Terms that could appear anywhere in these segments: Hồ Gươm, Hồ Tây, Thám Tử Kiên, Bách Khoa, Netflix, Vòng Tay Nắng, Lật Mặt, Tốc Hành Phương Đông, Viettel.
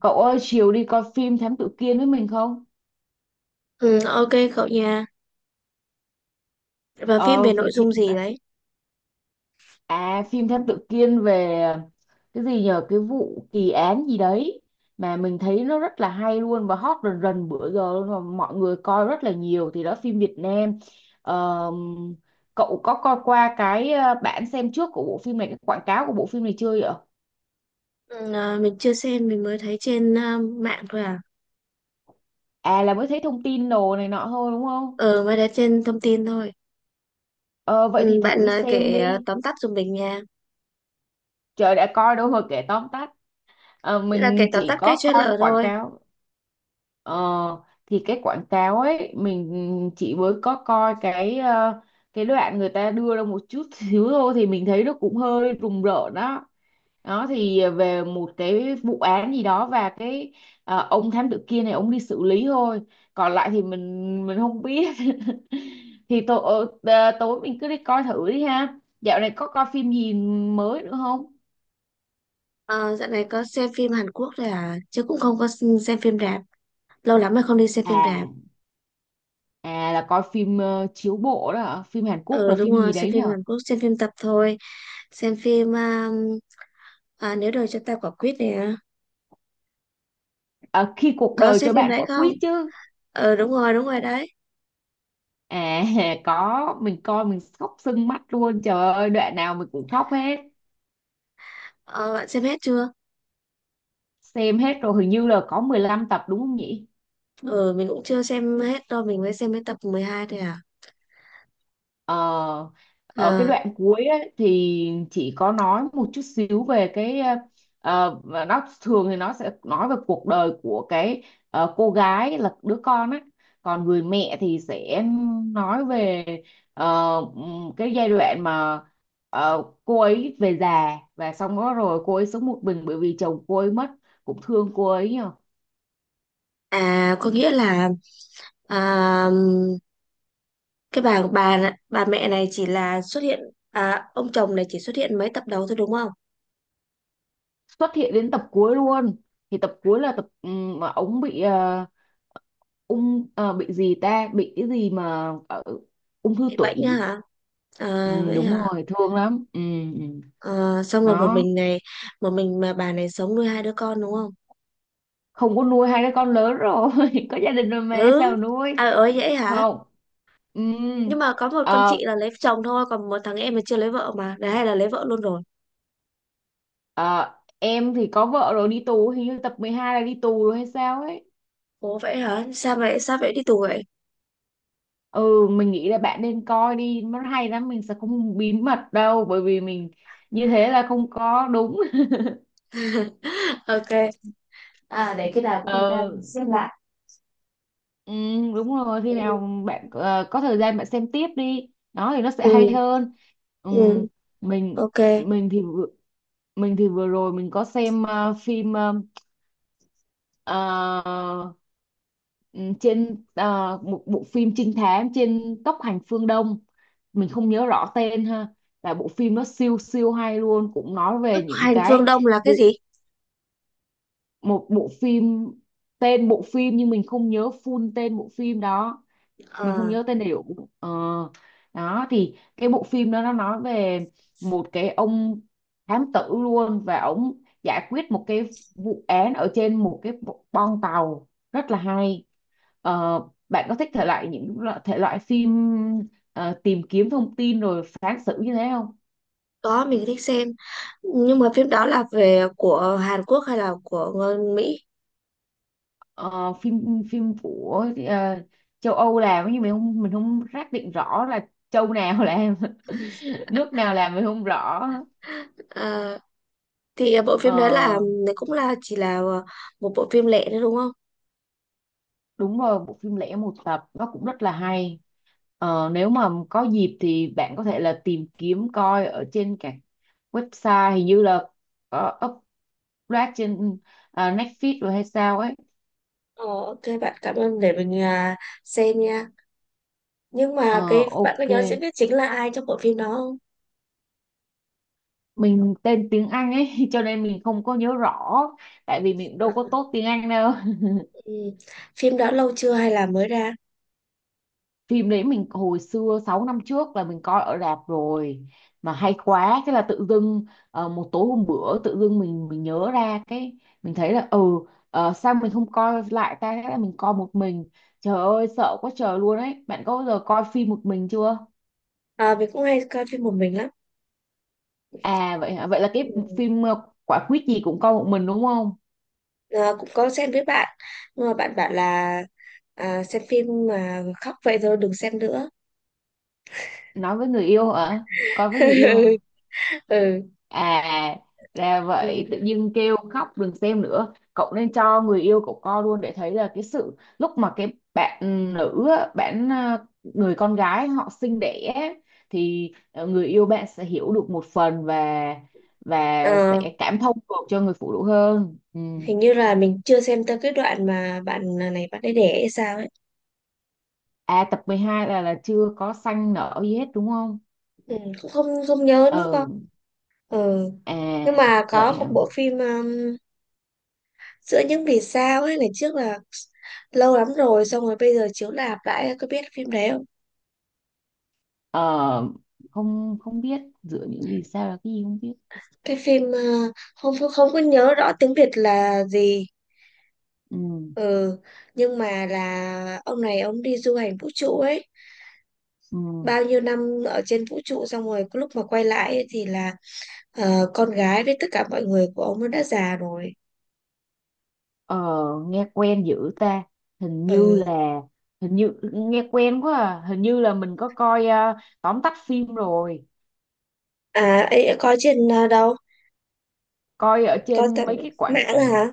Cậu ơi, chiều đi coi phim Thám Tử Kiên với mình không? Ừ, ok cậu nha. Và phim Ờ, về nội vậy thì dung gì đấy? Phim Thám Tử Kiên về cái gì nhờ cái vụ kỳ án gì đấy mà mình thấy nó rất là hay luôn và hot rần rần bữa giờ luôn và mọi người coi rất là nhiều thì đó phim Việt Nam. Ờ, cậu có coi qua cái bản xem trước của bộ phim này, cái quảng cáo của bộ phim này chưa vậy? Ừ, à, mình chưa xem, mình mới thấy trên à, mạng thôi à. À, là mới thấy thông tin đồ này nọ thôi đúng không? Ờ, mới thấy trên thông tin thôi. Ờ, vậy thì Ừ, thử bạn đi à, xem kể à, đi. tóm tắt giùm mình nha. Trời đã coi đâu mà kể tóm tắt. Ờ, Nghĩa là kể mình tóm chỉ tắt cái có coi trailer quảng thôi. cáo. Ờ, thì cái quảng cáo ấy mình chỉ mới có coi cái cái đoạn người ta đưa ra một chút xíu thôi thì mình thấy nó cũng hơi rùng rợn đó. Đó thì về một cái vụ án gì đó và cái ông thám tử kia này ông đi xử lý thôi. Còn lại thì mình không biết thì tối tối mình cứ đi coi thử đi ha. Dạo này có coi phim gì mới nữa không? Ờ, dạo này có xem phim Hàn Quốc rồi à? Chứ cũng không có xem phim rạp. Lâu lắm rồi không đi xem phim rạp. À, à, là coi phim chiếu bộ đó hả? Phim Hàn Quốc Ờ, là đúng phim rồi, gì xem đấy nhỉ? phim Hàn Quốc, xem phim tập thôi. Xem phim à, à, Nếu đời cho ta quả quýt nè. Ờ, khi cuộc Có đời xem cho phim bạn đấy quả không? quýt chứ. Ờ, đúng rồi đấy. à có mình coi mình khóc sưng mắt luôn, trời ơi đoạn nào mình cũng khóc hết. Ờ, bạn xem hết chưa? Xem hết rồi, hình như là có 15 tập đúng không nhỉ? Ừ, mình cũng chưa xem hết đâu, mình mới xem đến tập 12 thôi à. Ờ, ở cái À, đoạn cuối ấy, thì chị có nói một chút xíu về cái và nó. Thường thì nó sẽ nói về cuộc đời của cái cô gái là đứa con á, còn người mẹ thì sẽ nói về cái giai đoạn mà cô ấy về già và xong đó rồi cô ấy sống một mình bởi vì chồng cô ấy mất, cũng thương cô ấy nhờ. à có nghĩa là à, cái bà mẹ này chỉ là xuất hiện à, ông chồng này chỉ xuất hiện mấy tập đầu thôi đúng không? Xuất hiện đến tập cuối luôn, thì tập cuối là tập mà ông bị bị gì ta, bị cái gì mà ở ung thư Bị bệnh á tủy. hả? Ừ, À, vậy đúng hả? rồi, thương lắm. Ừ, ừ. À, xong rồi một Đó, mình này, một mình mà bà này sống nuôi hai đứa con đúng không? không có nuôi hai đứa con lớn rồi có gia đình rồi mà Ừ. sao nuôi. À ơi vậy hả? Không, ừ. Nhưng mà có một con ờ, chị là lấy chồng thôi, còn một thằng em mà chưa lấy vợ mà, đấy hay là lấy vợ luôn rồi. ờ, em thì có vợ rồi đi tù, hình như tập 12 là đi tù rồi hay sao ấy. Ủa vậy hả? Sao vậy? Sao vậy đi tù vậy? Ừ, mình nghĩ là bạn nên coi đi, nó hay lắm. Mình sẽ không bí mật đâu bởi vì mình như thế là không có đúng. Ok. À, để khi nào có thời gian mình Ừ, xem lại. ừ, đúng rồi, khi Ừ, nào bạn có thời gian bạn xem tiếp đi đó thì nó sẽ hay ừ, hơn. Ừ, ừ, mình. ok. mình thì vừa- mình thì vừa rồi mình có xem phim ờ, ừ, trên một bộ phim trinh thám trên Tốc Hành Phương Đông. Mình không nhớ rõ tên ha, là bộ phim nó siêu siêu hay luôn, cũng nói về những Hành Phương cái. Đông là cái bộ gì? Một bộ phim, tên bộ phim nhưng mình không nhớ full tên bộ phim đó. Mình không Ờ, nhớ tên đầy đủ. Ờ, đó thì cái bộ phim đó nó nói về một cái ông thám tử luôn và ông giải quyết một cái vụ án ở trên một cái boong tàu, rất là hay. Ờ, bạn có thích thể loại thể loại phim tìm kiếm thông tin rồi phán xử như thế không? có mình thích xem, nhưng mà phim đó là về của Hàn Quốc hay là của người Mỹ? Ờ, phim phim của châu Âu làm nhưng mình không xác định rõ là châu nào làm nước nào làm mình không rõ. Ờ, thì bộ phim đấy là Ờ, cũng là chỉ là một bộ phim lẻ nữa đúng không? đúng rồi, bộ phim lẻ một tập nó cũng rất là hay. Nếu mà có dịp thì bạn có thể là tìm kiếm coi ở trên các website, hình như là có upload trên Netflix rồi hay sao ấy. Ờ, ok bạn, cảm ơn, để mình à, xem nha. Nhưng Ờ, mà cái bạn có ok, nhớ diễn viên chính là ai trong bộ phim đó không? mình tên tiếng Anh ấy cho nên mình không có nhớ rõ, tại vì mình đâu có tốt tiếng Anh đâu. Ừ. Phim đó lâu chưa hay là mới ra? Phim đấy mình hồi xưa 6 năm trước là mình coi ở rạp rồi, mà hay quá thế là tự dưng một tối hôm bữa tự dưng mình nhớ ra cái mình thấy là sao mình không coi lại ta, thế là mình coi một mình, trời ơi sợ quá trời luôn ấy. Bạn có bao giờ coi phim một mình chưa? À, mình cũng hay coi phim một mình lắm. À, vậy hả? Vậy là cái Ừ. phim quả quýt gì cũng coi một mình đúng không? Ờ, cũng có xem với bạn, nhưng mà bạn bảo là à, xem phim mà khóc vậy thôi đừng xem nữa. Nói với người yêu hả? Coi với người yêu hả? Ừ. À, ra vậy, tự Ừ. nhiên kêu khóc đừng xem nữa. Cậu nên cho người yêu cậu coi luôn để thấy là cái sự lúc mà cái bạn nữ á, người con gái họ sinh đẻ á, thì người yêu bạn sẽ hiểu được một phần và Ờ, sẽ cảm thông được cho người phụ nữ hơn. Ừ. hình như là mình chưa xem tới cái đoạn mà bạn ờ, này bạn ấy đẻ hay sao ấy. À, tập 12 là chưa có xanh nở gì hết đúng không? Ừ. Cũng không không nhớ nữa ờ con. Ừ. à Nhưng mà vậy có một hả? bộ phim giữa những vì sao ấy, ngày trước là lâu lắm rồi, xong rồi bây giờ chiếu lạp lại, có biết phim đấy không? ờ Không, không biết, dựa những vì sao là cái gì không biết. Cái phim ờ, không không không có nhớ rõ tiếng Việt là gì. Ừ, Ừ, nhưng mà là ông này ông đi du hành vũ trụ ấy, ừ. bao nhiêu năm ở trên vũ trụ xong rồi cái lúc mà quay lại ấy, thì là ờ, con gái với tất cả mọi người của ông nó đã già rồi. Ờ, nghe quen dữ ta, hình như Ừ. là hình như nghe quen quá à. Hình như là mình có coi tóm tắt phim rồi, À, ấy có trên ờ, đâu? coi ở Có trên tận mấy cái quảng. Ừ, mạng hả?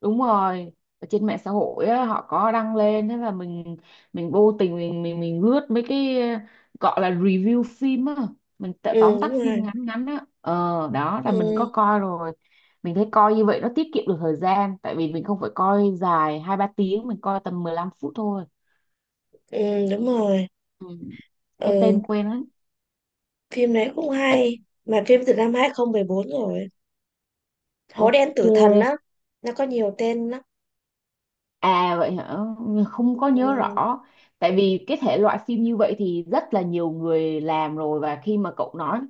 Đúng rồi, ở trên mạng xã hội á, họ có đăng lên, thế là mình vô tình mình lướt mấy cái gọi là review phim á, mình tự Ừ, tóm tắt đúng phim rồi. ngắn ngắn á. Ờ Đó là mình có Ừ, coi rồi. Mình thấy coi như vậy nó tiết kiệm được thời gian, tại vì mình không phải coi dài 2, 3 tiếng, mình coi tầm 15 phút thôi. ừ, đúng rồi. Ừ. Cái Ừ, tên quen lắm. phim đấy cũng Bệnh- hay. Mà phim từ năm 2014 rồi. Hố đen tử thần Ok. á, nó có nhiều tên lắm. À, vậy hả? Không có nhớ Ừ. rõ. Tại vì cái thể loại phim như vậy thì rất là nhiều người làm rồi, và khi mà cậu nói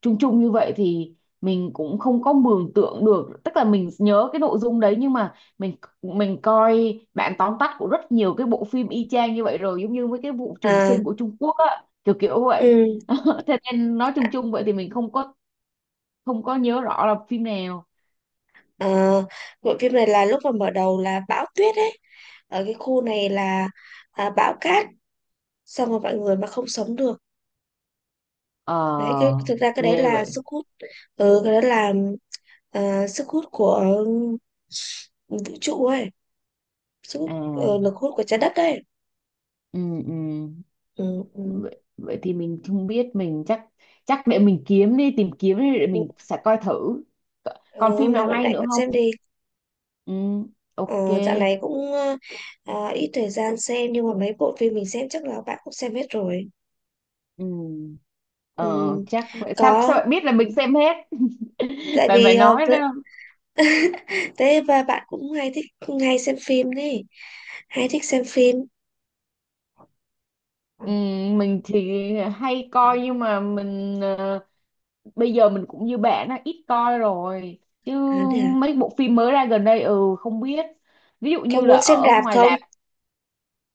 chung chung như vậy thì mình cũng không có mường tượng được. Tức là mình nhớ cái nội dung đấy nhưng mà mình coi bản tóm tắt của rất nhiều cái bộ phim y chang như vậy rồi, giống như với cái vụ trùng À, sinh của Trung Quốc á, kiểu kiểu vậy. ừ. Thế nên nói chung chung vậy thì mình không có nhớ rõ là phim nào. Ờ, bộ phim này là lúc mà mở đầu là bão tuyết ấy, ở cái khu này là à, bão cát, xong rồi mọi người mà không sống được. Đấy, cái Ờ, thực ra cái đấy ghê là vậy. sức hút. Ừ, cái đó là à, sức hút của ừ, vũ trụ ấy, sức À, hút ờ, lực hút của trái đất ấy. ừ, ừ. Ừ, ừ. Vậy thì mình không biết, mình chắc chắc để mình kiếm đi, tìm kiếm đi, để mình sẽ coi thử. Ừ, Còn phim hôm nào nào bạn hay rảnh nữa bạn xem không? đi. Ừ, ok. Ờ, dạo này cũng ờ, à, ít thời gian xem, nhưng mà mấy bộ phim mình xem chắc là bạn cũng xem hết rồi. Ừ. Ừ. Ờ, chắc vậy. Sao Có, sao bạn biết là mình xem hết? tại Bạn vì phải ờ, nói ra. thế và bạn cũng hay thích, hay xem phim đấy, hay thích xem phim. Ừ, mình thì hay coi nhưng mà mình bây giờ mình cũng như bạn á ít coi rồi, chứ À, thế à? mấy bộ phim mới ra gần đây ừ không biết, ví dụ Có như là muốn xem ở đạp ngoài không? rạp.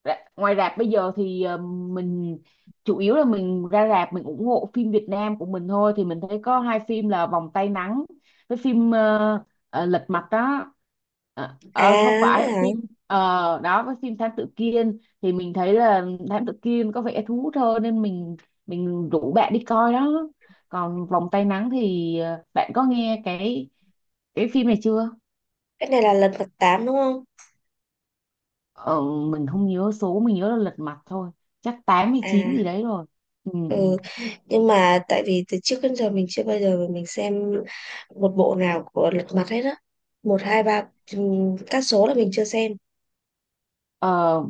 Ngoài rạp bây giờ thì mình chủ yếu là mình ra rạp mình ủng hộ phim Việt Nam của mình thôi, thì mình thấy có hai phim là Vòng Tay Nắng với phim Lật Mặt đó. À, Không vậy phải hả? phim đó với phim Thám Tử Kiên thì mình thấy là Thám Tử Kiên có vẻ thú hơn, nên mình rủ bạn đi coi đó. Còn Vòng Tay Nắng thì bạn có nghe cái phim này chưa? Cái này là lần mặt 8 đúng không? Ờ, mình không nhớ số, mình nhớ là lật mặt thôi, chắc 8 hay 9 gì À, đấy rồi. Ừ, ừ. ừ. Nhưng mà tại vì từ trước đến giờ mình chưa bao giờ mình xem một bộ nào của Lật Mặt hết á. Một, hai, ba, các số là mình chưa xem. Ờ,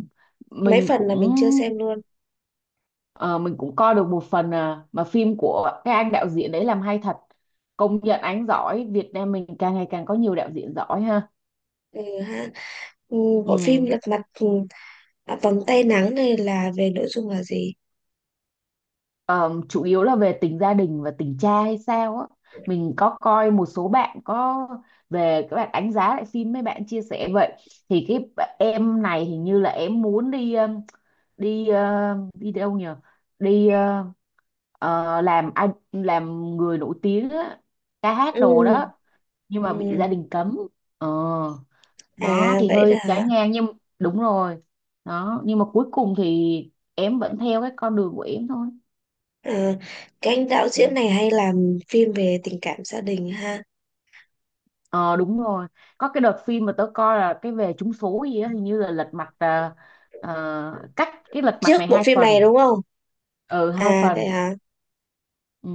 Mấy mình phần cũng là mình chưa xem luôn. ờ, mình cũng coi được một phần, mà phim của cái anh đạo diễn đấy làm hay thật, công nhận anh giỏi. Việt Nam mình càng ngày càng có nhiều đạo diễn giỏi ha. Ừ, ha. Ừ, bộ phim Ừ. Lật Mặt ừ, à, Vòng Tay Nắng này là về nội dung là gì? Ờ, chủ yếu là về tình gia đình và tình cha hay sao á. Mình có coi một số bạn có về các bạn đánh giá lại phim, mấy bạn chia sẻ vậy thì cái em này hình như là em muốn đi đi đi đâu nhờ đi ờ, làm người nổi tiếng á, ca hát Ừ, đồ đó, nhưng mà bị ừ. gia đình cấm. ờ nó À, thì vậy đó hơi hả? trái ngang nhưng đúng rồi đó, nhưng mà cuối cùng thì em vẫn theo cái con đường của em thôi. À, cái anh đạo Ừ. diễn này hay làm phim về tình cảm gia đình ha. ờ Đúng rồi, có cái đợt phim mà tớ coi là cái về trúng số gì á, hình như là lật mặt cách cái lật mặt này Trước bộ hai phim này phần đúng không? Ừ, hai À vậy phần hả? Ừ.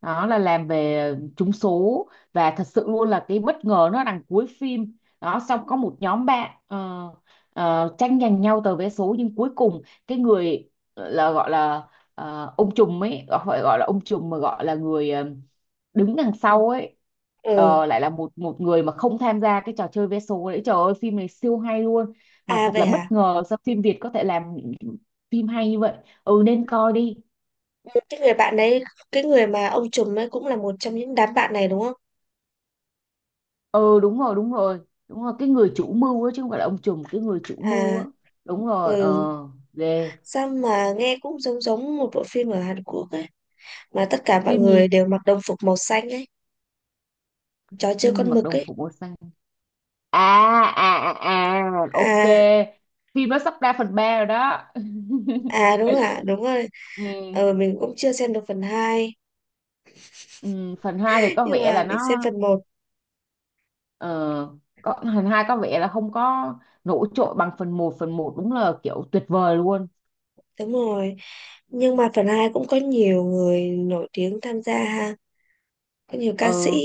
Đó là làm về trúng số, và thật sự luôn là cái bất ngờ nó đằng cuối phim đó. Xong có một nhóm bạn tranh giành nhau tờ vé số, nhưng cuối cùng cái người là gọi là ông trùm ấy, phải gọi là ông trùm mà gọi là người đứng đằng sau ấy Ừ, lại là một một người mà không tham gia cái trò chơi vé số đấy. Trời ơi phim này siêu hay luôn, mà à thật vậy là bất hả? ngờ sao phim Việt có thể làm phim hay như vậy. Ừ, nên coi đi. Ừ, cái người bạn đấy, cái người mà ông trùm ấy cũng là một trong những đám bạn này đúng không? Ừ, đúng rồi, đúng rồi, đúng rồi, cái người chủ mưu á chứ không phải là ông trùm, cái người chủ mưu À, á. Đúng rồi. ừ. Ờ Ghê. Sao mà nghe cũng giống giống một bộ phim ở Hàn Quốc ấy. Mà tất cả mọi Phim người gì? đều mặc đồng phục màu xanh ấy. Chó chơi Phim gì con mặc mực đồng ấy. phục màu xanh? À, à, à, à, ok, À, phim nó sắp ra phần 3 rồi đó. à đúng ạ, đúng rồi. Ừ, Ờ, mình cũng chưa xem được phần hai. ừ, phần 2 thì có Nhưng vẻ mà là mình xem nó phần một. ờ, có, phần 2 có vẻ là không có nổi trội bằng phần 1. phần 1 đúng là kiểu tuyệt vời luôn. Đúng rồi. Nhưng mà phần hai cũng có nhiều người nổi tiếng tham gia ha, có nhiều ca sĩ. Ừ,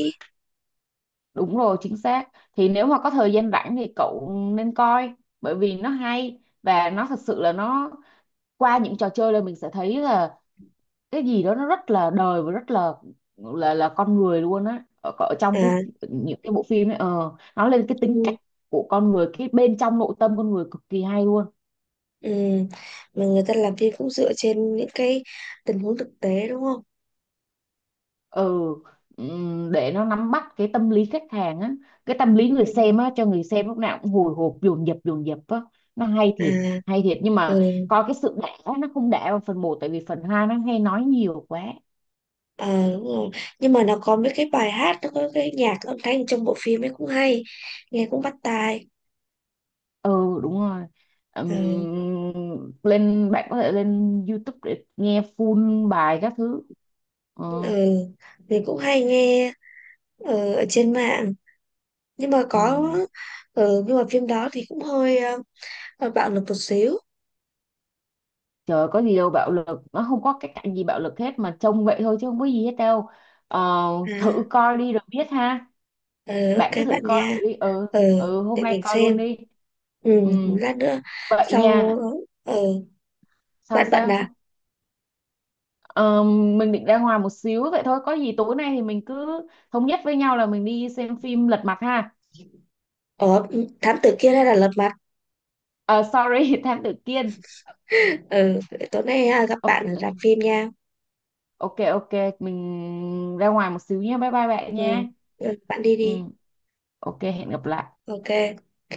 đúng rồi, chính xác. Thì nếu mà có thời gian rảnh thì cậu nên coi, bởi vì nó hay và nó thật sự là nó, qua những trò chơi là mình sẽ thấy là cái gì đó nó rất là đời và rất là con người luôn á. Ở trong cái À, những cái bộ phim ấy nó lên cái tính cách nhưng, của con người, cái bên trong nội tâm con người cực kỳ hay luôn. ừ, mà người ta làm phim cũng dựa trên những cái tình huống thực tế đúng không? ừ để nó nắm bắt cái tâm lý khách hàng á, cái tâm lý người Ừ. xem á, cho người xem lúc nào cũng hồi hộp dồn dập á. Nó hay À, thiệt, hay thiệt, nhưng ừ. mà coi cái sự đã nó không đã vào phần 1, tại vì phần 2 nó hay nói nhiều quá. Ờ, đúng rồi. Nhưng mà nó có mấy cái bài hát, nó có cái nhạc âm thanh trong bộ phim ấy cũng hay, nghe cũng bắt tai. Ừ, đúng rồi. Ừ. Lên bạn có thể lên YouTube để nghe full bài các thứ. Ừ, Ừ. Mình cũng hay nghe ờ, ở trên mạng nhưng mà ừ. có. Ừ. Nhưng mà phim đó thì cũng hơi ờ, bạo lực một xíu. Trời, có gì đâu bạo lực, nó không có cái cảnh gì bạo lực hết mà, trông vậy thôi chứ không có gì hết đâu. Ờ, À, thử coi đi rồi biết ha, ừ, bạn cứ ok bạn thử coi nha. thử đi. Ừ, Ừ, ừ, để hôm nay mình coi xem. luôn đi. Ừ, Ừ, lát nữa. vậy Sau. nha. Ừ, Sao, bạn bận à? sao? Ờ, mình định ra ngoài một xíu vậy thôi, có gì tối nay thì mình cứ thống nhất với nhau là mình đi xem phim Lật Mặt ha. Ờ, thám tử kia, đây là Lật Mặt. Ờ, sorry, Thám Tử Kiên. Ừ, tối nay à, gặp Ok, bạn ở ừ, rạp phim nha. ok, ok, mình ra ngoài một xíu nha, bye bye bạn Ừ. nha. Ừ, bạn đi Ừ, đi. ok, hẹn gặp lại. Ok. Ok.